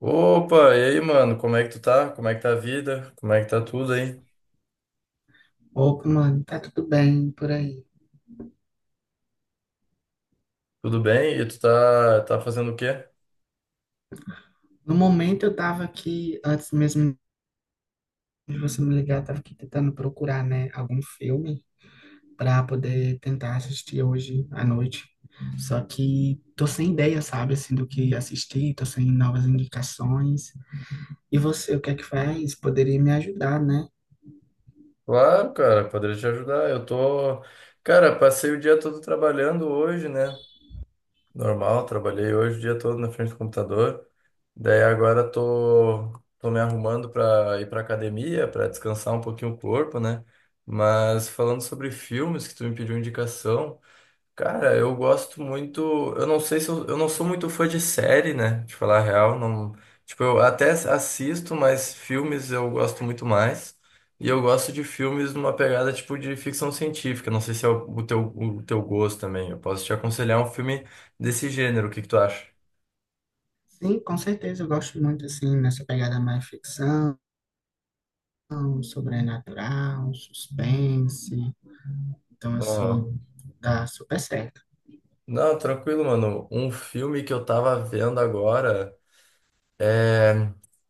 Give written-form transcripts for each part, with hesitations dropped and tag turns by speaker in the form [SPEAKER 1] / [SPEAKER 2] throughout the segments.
[SPEAKER 1] Opa, e aí, mano, como é que tu tá? Como é que tá a vida? Como é que tá tudo aí?
[SPEAKER 2] Opa, mano, tá tudo bem por aí.
[SPEAKER 1] Tudo bem? E tu tá fazendo o quê?
[SPEAKER 2] No momento eu tava aqui, antes mesmo de você me ligar, eu tava aqui tentando procurar, né, algum filme pra poder tentar assistir hoje à noite. Só que tô sem ideia, sabe, assim, do que assistir, tô sem novas indicações. E você, o que é que faz? Poderia me ajudar, né?
[SPEAKER 1] Claro, cara, poderia te ajudar. Eu tô. Cara, passei o dia todo trabalhando hoje, né? Normal, trabalhei hoje o dia todo na frente do computador. Daí agora tô me arrumando pra ir pra academia, pra descansar um pouquinho o corpo, né? Mas falando sobre filmes que tu me pediu indicação. Cara, eu gosto muito. Eu não sei se eu não sou muito fã de série, né? De falar a real, não. Tipo, eu até assisto, mas filmes eu gosto muito mais. E eu gosto de filmes numa pegada tipo de ficção científica. Não sei se é o teu, o teu gosto também. Eu posso te aconselhar um filme desse gênero. O que que tu acha?
[SPEAKER 2] Sim, com certeza, eu gosto muito, assim, nessa pegada mais ficção, sobrenatural, suspense. Então,
[SPEAKER 1] Aham.
[SPEAKER 2] assim, dá super certo.
[SPEAKER 1] Não, tranquilo, mano. Um filme que eu tava vendo agora é.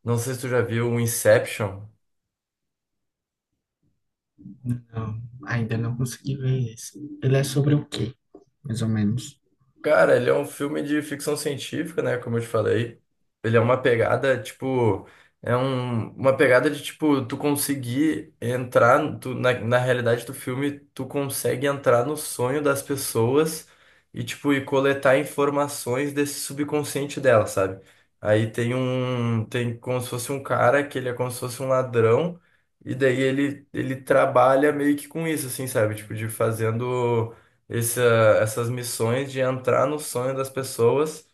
[SPEAKER 1] Não sei se tu já viu o Inception.
[SPEAKER 2] Não, ainda não consegui ver esse. Ele é sobre o quê, mais ou menos?
[SPEAKER 1] Cara, ele é um filme de ficção científica, né? Como eu te falei. Ele é uma pegada, tipo. É um, uma pegada de, tipo, tu conseguir entrar. Tu, na realidade do filme, tu consegue entrar no sonho das pessoas e, tipo, e coletar informações desse subconsciente dela, sabe? Aí tem um. Tem como se fosse um cara que ele é como se fosse um ladrão. E daí ele trabalha meio que com isso, assim, sabe? Tipo, de fazendo essa, essas missões de entrar no sonho das pessoas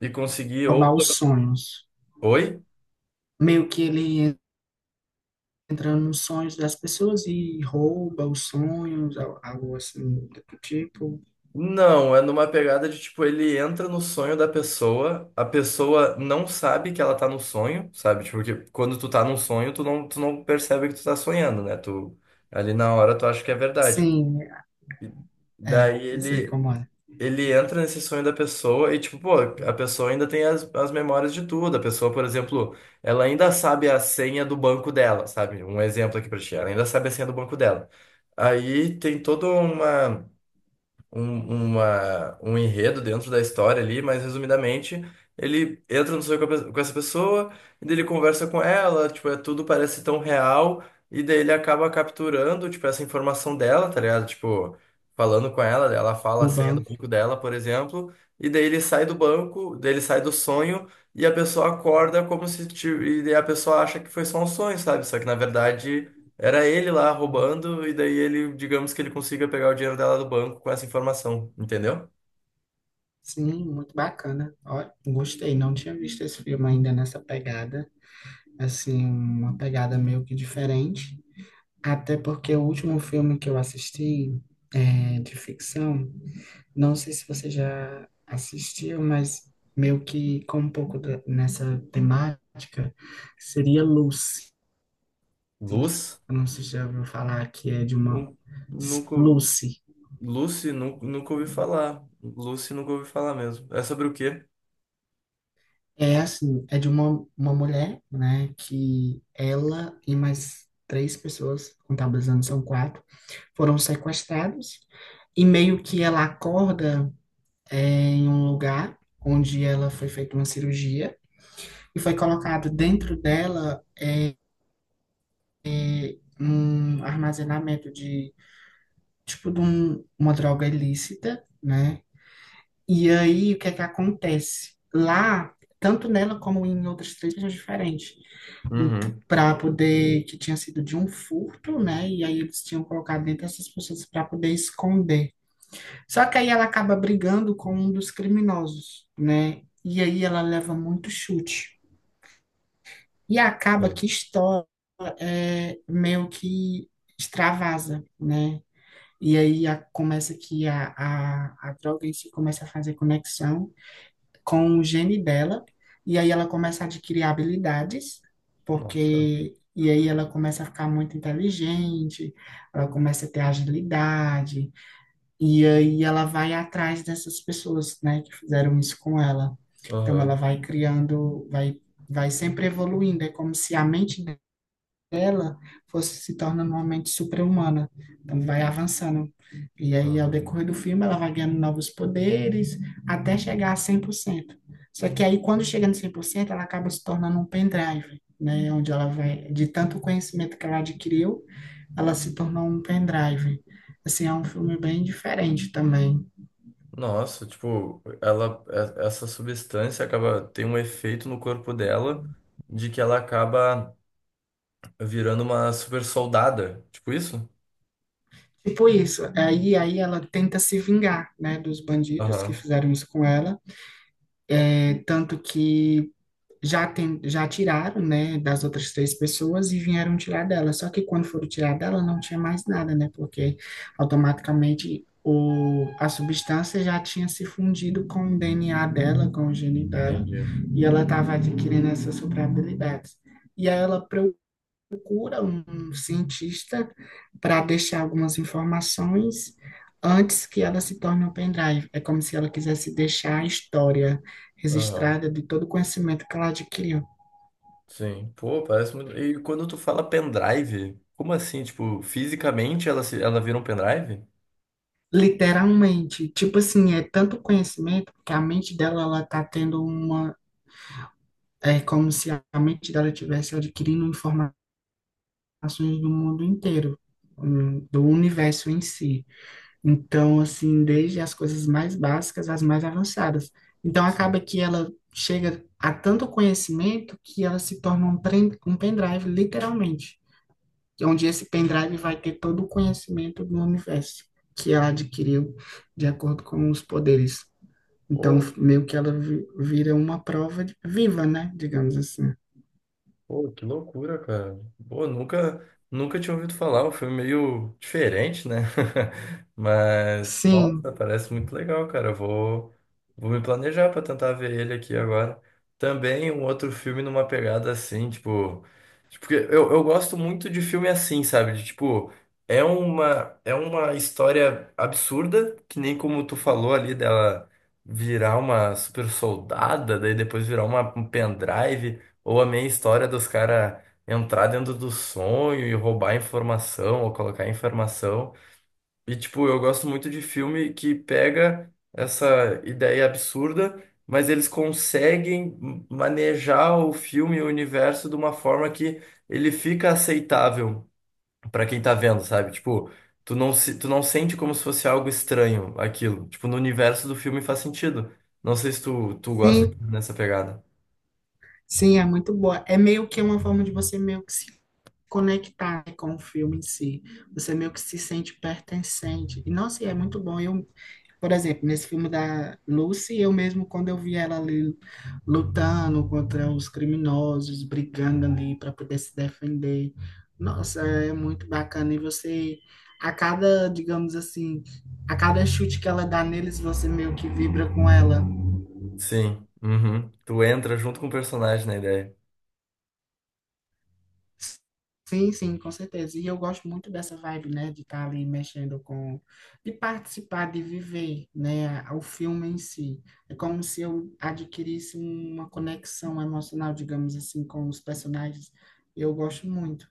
[SPEAKER 1] e conseguir ou...
[SPEAKER 2] Roubar os sonhos.
[SPEAKER 1] Oi?
[SPEAKER 2] Meio que ele entra nos sonhos das pessoas e rouba os sonhos, algo assim do tipo.
[SPEAKER 1] Não, é numa pegada de tipo, ele entra no sonho da pessoa, a pessoa não sabe que ela tá no sonho, sabe? Tipo, porque quando tu tá num sonho, tu não percebe que tu tá sonhando, né? Tu ali na hora tu acha que é verdade.
[SPEAKER 2] Sim,
[SPEAKER 1] E
[SPEAKER 2] é,
[SPEAKER 1] daí
[SPEAKER 2] eu sei
[SPEAKER 1] ele
[SPEAKER 2] como é.
[SPEAKER 1] ele entra nesse sonho da pessoa e, tipo, pô, a pessoa ainda tem as, as memórias de tudo. A pessoa, por exemplo, ela ainda sabe a senha do banco dela, sabe? Um exemplo aqui pra ti. Ela ainda sabe a senha do banco dela. Aí tem toda um enredo dentro da história ali, mas resumidamente, ele entra no sonho com, com essa pessoa, e daí ele conversa com ela, tipo, é, tudo parece tão real, e daí ele acaba capturando, tipo, essa informação dela, tá ligado? Tipo, falando com ela, ela fala a
[SPEAKER 2] Do
[SPEAKER 1] senha do
[SPEAKER 2] banco.
[SPEAKER 1] banco dela, por exemplo, e daí ele sai do banco, daí ele sai do sonho, e a pessoa acorda como se, ti- e daí a pessoa acha que foi só um sonho, sabe? Só que na verdade era ele lá roubando, e daí ele, digamos que ele consiga pegar o dinheiro dela do banco com essa informação, entendeu?
[SPEAKER 2] Sim, muito bacana. Ó, gostei, não tinha visto esse filme ainda nessa pegada. Assim, uma pegada meio que diferente. Até porque o último filme que eu assisti é, de ficção. Não sei se você já assistiu, mas meio que com um pouco nessa temática, seria Lucy.
[SPEAKER 1] Luz,
[SPEAKER 2] Eu não sei se já ouviu falar que é de uma...
[SPEAKER 1] nu- nunca.
[SPEAKER 2] Lucy.
[SPEAKER 1] Lucy, nunca ouvi falar. Lucy, nunca ouvi falar mesmo. É sobre o quê?
[SPEAKER 2] É assim, é de uma mulher, né, que ela e mais três pessoas, contabilizando são quatro, foram sequestrados e meio que ela acorda em um lugar onde ela foi feita uma cirurgia e foi colocado dentro dela um armazenamento de, tipo, uma droga ilícita, né? E aí, o que é que acontece? Lá, tanto nela como em outras três regiões diferentes,
[SPEAKER 1] Uhum.
[SPEAKER 2] para poder, que tinha sido de um furto, né? E aí eles tinham colocado dentro dessas pessoas para poder esconder. Só que aí ela acaba brigando com um dos criminosos, né? E aí ela leva muito chute. E acaba
[SPEAKER 1] Sim.
[SPEAKER 2] que estoura, meio que extravasa, né? E aí começa que a droga em si começa a fazer conexão com o gene dela, e aí ela começa a adquirir habilidades,
[SPEAKER 1] Nossa.
[SPEAKER 2] porque. E aí ela começa a ficar muito inteligente, ela começa a ter agilidade, e aí ela vai atrás dessas pessoas, né, que fizeram isso com ela. Então ela
[SPEAKER 1] Aham.
[SPEAKER 2] vai criando, vai sempre evoluindo, é como se a mente ela fosse se tornando uma mente super-humana. Então, vai avançando. E aí, ao
[SPEAKER 1] Aham.
[SPEAKER 2] decorrer do filme, ela vai ganhando novos poderes até chegar a cem por cento. Só que aí, quando chega no cem por cento, ela acaba se tornando um pendrive, né? Onde ela vai, de tanto conhecimento que ela adquiriu, ela se tornou um pendrive. Assim, é um filme bem diferente também.
[SPEAKER 1] Nossa, tipo, essa substância acaba, tem um efeito no corpo dela de que ela acaba virando uma super soldada. Tipo isso?
[SPEAKER 2] Tipo isso, aí ela tenta se vingar, né, dos bandidos que
[SPEAKER 1] Aham.
[SPEAKER 2] fizeram isso com ela, tanto que já tiraram, né, das outras três pessoas e vieram tirar dela. Só que quando foram tirar dela, não tinha mais nada, né? Porque automaticamente a substância já tinha se fundido com o DNA dela, com o gene dela,
[SPEAKER 1] Entendi.
[SPEAKER 2] e ela estava adquirindo essas super habilidades. E aí ela, procura um cientista para deixar algumas informações antes que ela se torne um pendrive. É como se ela quisesse deixar a história
[SPEAKER 1] Aham.
[SPEAKER 2] registrada de todo o conhecimento que ela adquiriu.
[SPEAKER 1] Sim, pô, parece muito. E quando tu fala pendrive, como assim? Tipo, fisicamente ela, se... ela vira um pendrive?
[SPEAKER 2] Literalmente, tipo assim, é tanto conhecimento que a mente dela ela tá tendo uma, é como se a mente dela estivesse adquirindo informações do mundo inteiro, do universo em si. Então, assim, desde as coisas mais básicas às mais avançadas. Então,
[SPEAKER 1] Sim.
[SPEAKER 2] acaba que ela chega a tanto conhecimento que ela se torna um pendrive, literalmente. Onde esse pendrive vai ter todo o conhecimento do universo que ela adquiriu de acordo com os poderes. Então,
[SPEAKER 1] Pô,
[SPEAKER 2] meio que ela vira uma prova viva, né? Digamos assim.
[SPEAKER 1] Pô, que loucura, cara. Pô, nunca, nunca tinha ouvido falar, um filme meio diferente, né? Mas,
[SPEAKER 2] Sim,
[SPEAKER 1] nossa, parece muito legal, cara. Vou me planejar pra tentar ver ele aqui agora. Também um outro filme numa pegada assim, tipo, porque eu gosto muito de filme assim, sabe? De, tipo, é uma história absurda, que nem como tu falou ali dela virar uma super soldada, daí depois virar uma, um pendrive. Ou a meia história dos caras entrar dentro do sonho e roubar informação ou colocar informação. E, tipo, eu gosto muito de filme que pega essa ideia absurda, mas eles conseguem manejar o filme e o universo de uma forma que ele fica aceitável para quem tá vendo, sabe? Tipo, tu não sente como se fosse algo estranho aquilo. Tipo, no universo do filme faz sentido. Não sei se tu gosta
[SPEAKER 2] sim,
[SPEAKER 1] nessa pegada.
[SPEAKER 2] sim, é muito boa. É meio que uma forma de você meio que se conectar, né, com o filme em si. Você meio que se sente pertencente. E, nossa, e é muito bom. Eu, por exemplo, nesse filme da Lucy, eu mesmo, quando eu vi ela ali lutando contra os criminosos, brigando ali para poder se defender, nossa, é muito bacana. E você, a cada, digamos assim, a cada chute que ela dá neles, você meio que vibra com ela.
[SPEAKER 1] Sim. Uhum. Tu entra junto com o personagem na ideia.
[SPEAKER 2] Sim, sim, com certeza. E eu gosto muito dessa vibe, né, de estar ali mexendo com, de participar, de viver, né, o filme em si. É como se eu adquirisse uma conexão emocional, digamos assim, com os personagens. Eu gosto muito.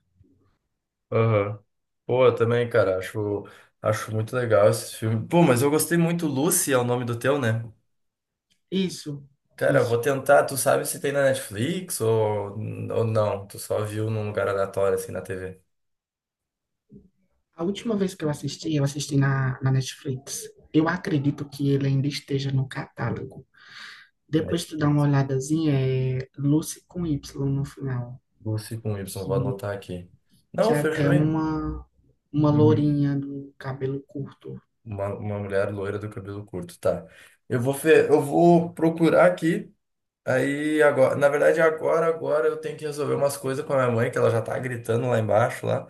[SPEAKER 1] Aham. Pô, eu também, cara, acho muito legal esse filme. Pô, mas eu gostei muito. Lucy é o nome do teu, né?
[SPEAKER 2] Isso,
[SPEAKER 1] Cara, eu vou
[SPEAKER 2] isso.
[SPEAKER 1] tentar. Tu sabe se tem na Netflix ou não? Tu só viu num lugar aleatório, assim, na TV.
[SPEAKER 2] A última vez que eu assisti na Netflix. Eu acredito que ele ainda esteja no catálogo.
[SPEAKER 1] Net-
[SPEAKER 2] Depois tu dá uma olhadazinha, é Lucy com Y no final.
[SPEAKER 1] Lucy com Y, vou
[SPEAKER 2] que
[SPEAKER 1] anotar aqui.
[SPEAKER 2] que
[SPEAKER 1] Não,
[SPEAKER 2] é
[SPEAKER 1] fechou
[SPEAKER 2] até
[SPEAKER 1] aí.
[SPEAKER 2] uma,
[SPEAKER 1] Uhum.
[SPEAKER 2] lourinha do cabelo curto.
[SPEAKER 1] Uma mulher loira do cabelo curto, tá. Eu vou procurar aqui. Aí agora, agora eu tenho que resolver umas coisas com a minha mãe, que ela já tá gritando lá embaixo lá.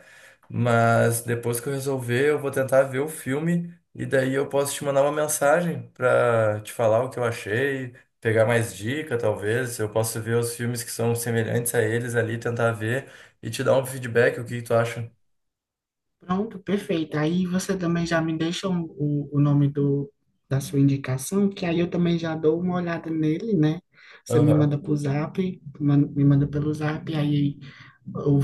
[SPEAKER 1] Mas depois que eu resolver, eu vou tentar ver o filme e daí eu posso te mandar uma mensagem pra te falar o que eu achei, pegar mais dica, talvez. Eu posso ver os filmes que são semelhantes a eles ali, tentar ver e te dar um feedback, o que tu acha?
[SPEAKER 2] Pronto, perfeito. Aí você também já me deixa o nome da sua indicação, que aí eu também já dou uma olhada nele, né? Você me
[SPEAKER 1] Aham.
[SPEAKER 2] manda pro zap, me manda pelo zap, aí eu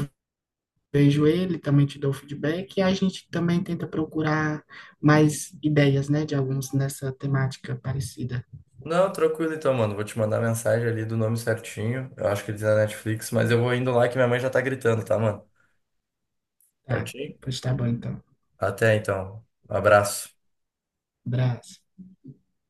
[SPEAKER 2] vejo ele, também te dou feedback, e a gente também tenta procurar mais ideias, né, de alguns nessa temática parecida.
[SPEAKER 1] Não, tranquilo então, mano. Vou te mandar a mensagem ali do nome certinho. Eu acho que ele tá na Netflix, mas eu vou indo lá que minha mãe já tá gritando, tá, mano?
[SPEAKER 2] Tá,
[SPEAKER 1] Certinho?
[SPEAKER 2] pois tá bom então.
[SPEAKER 1] Até então. Um abraço.
[SPEAKER 2] Abraço.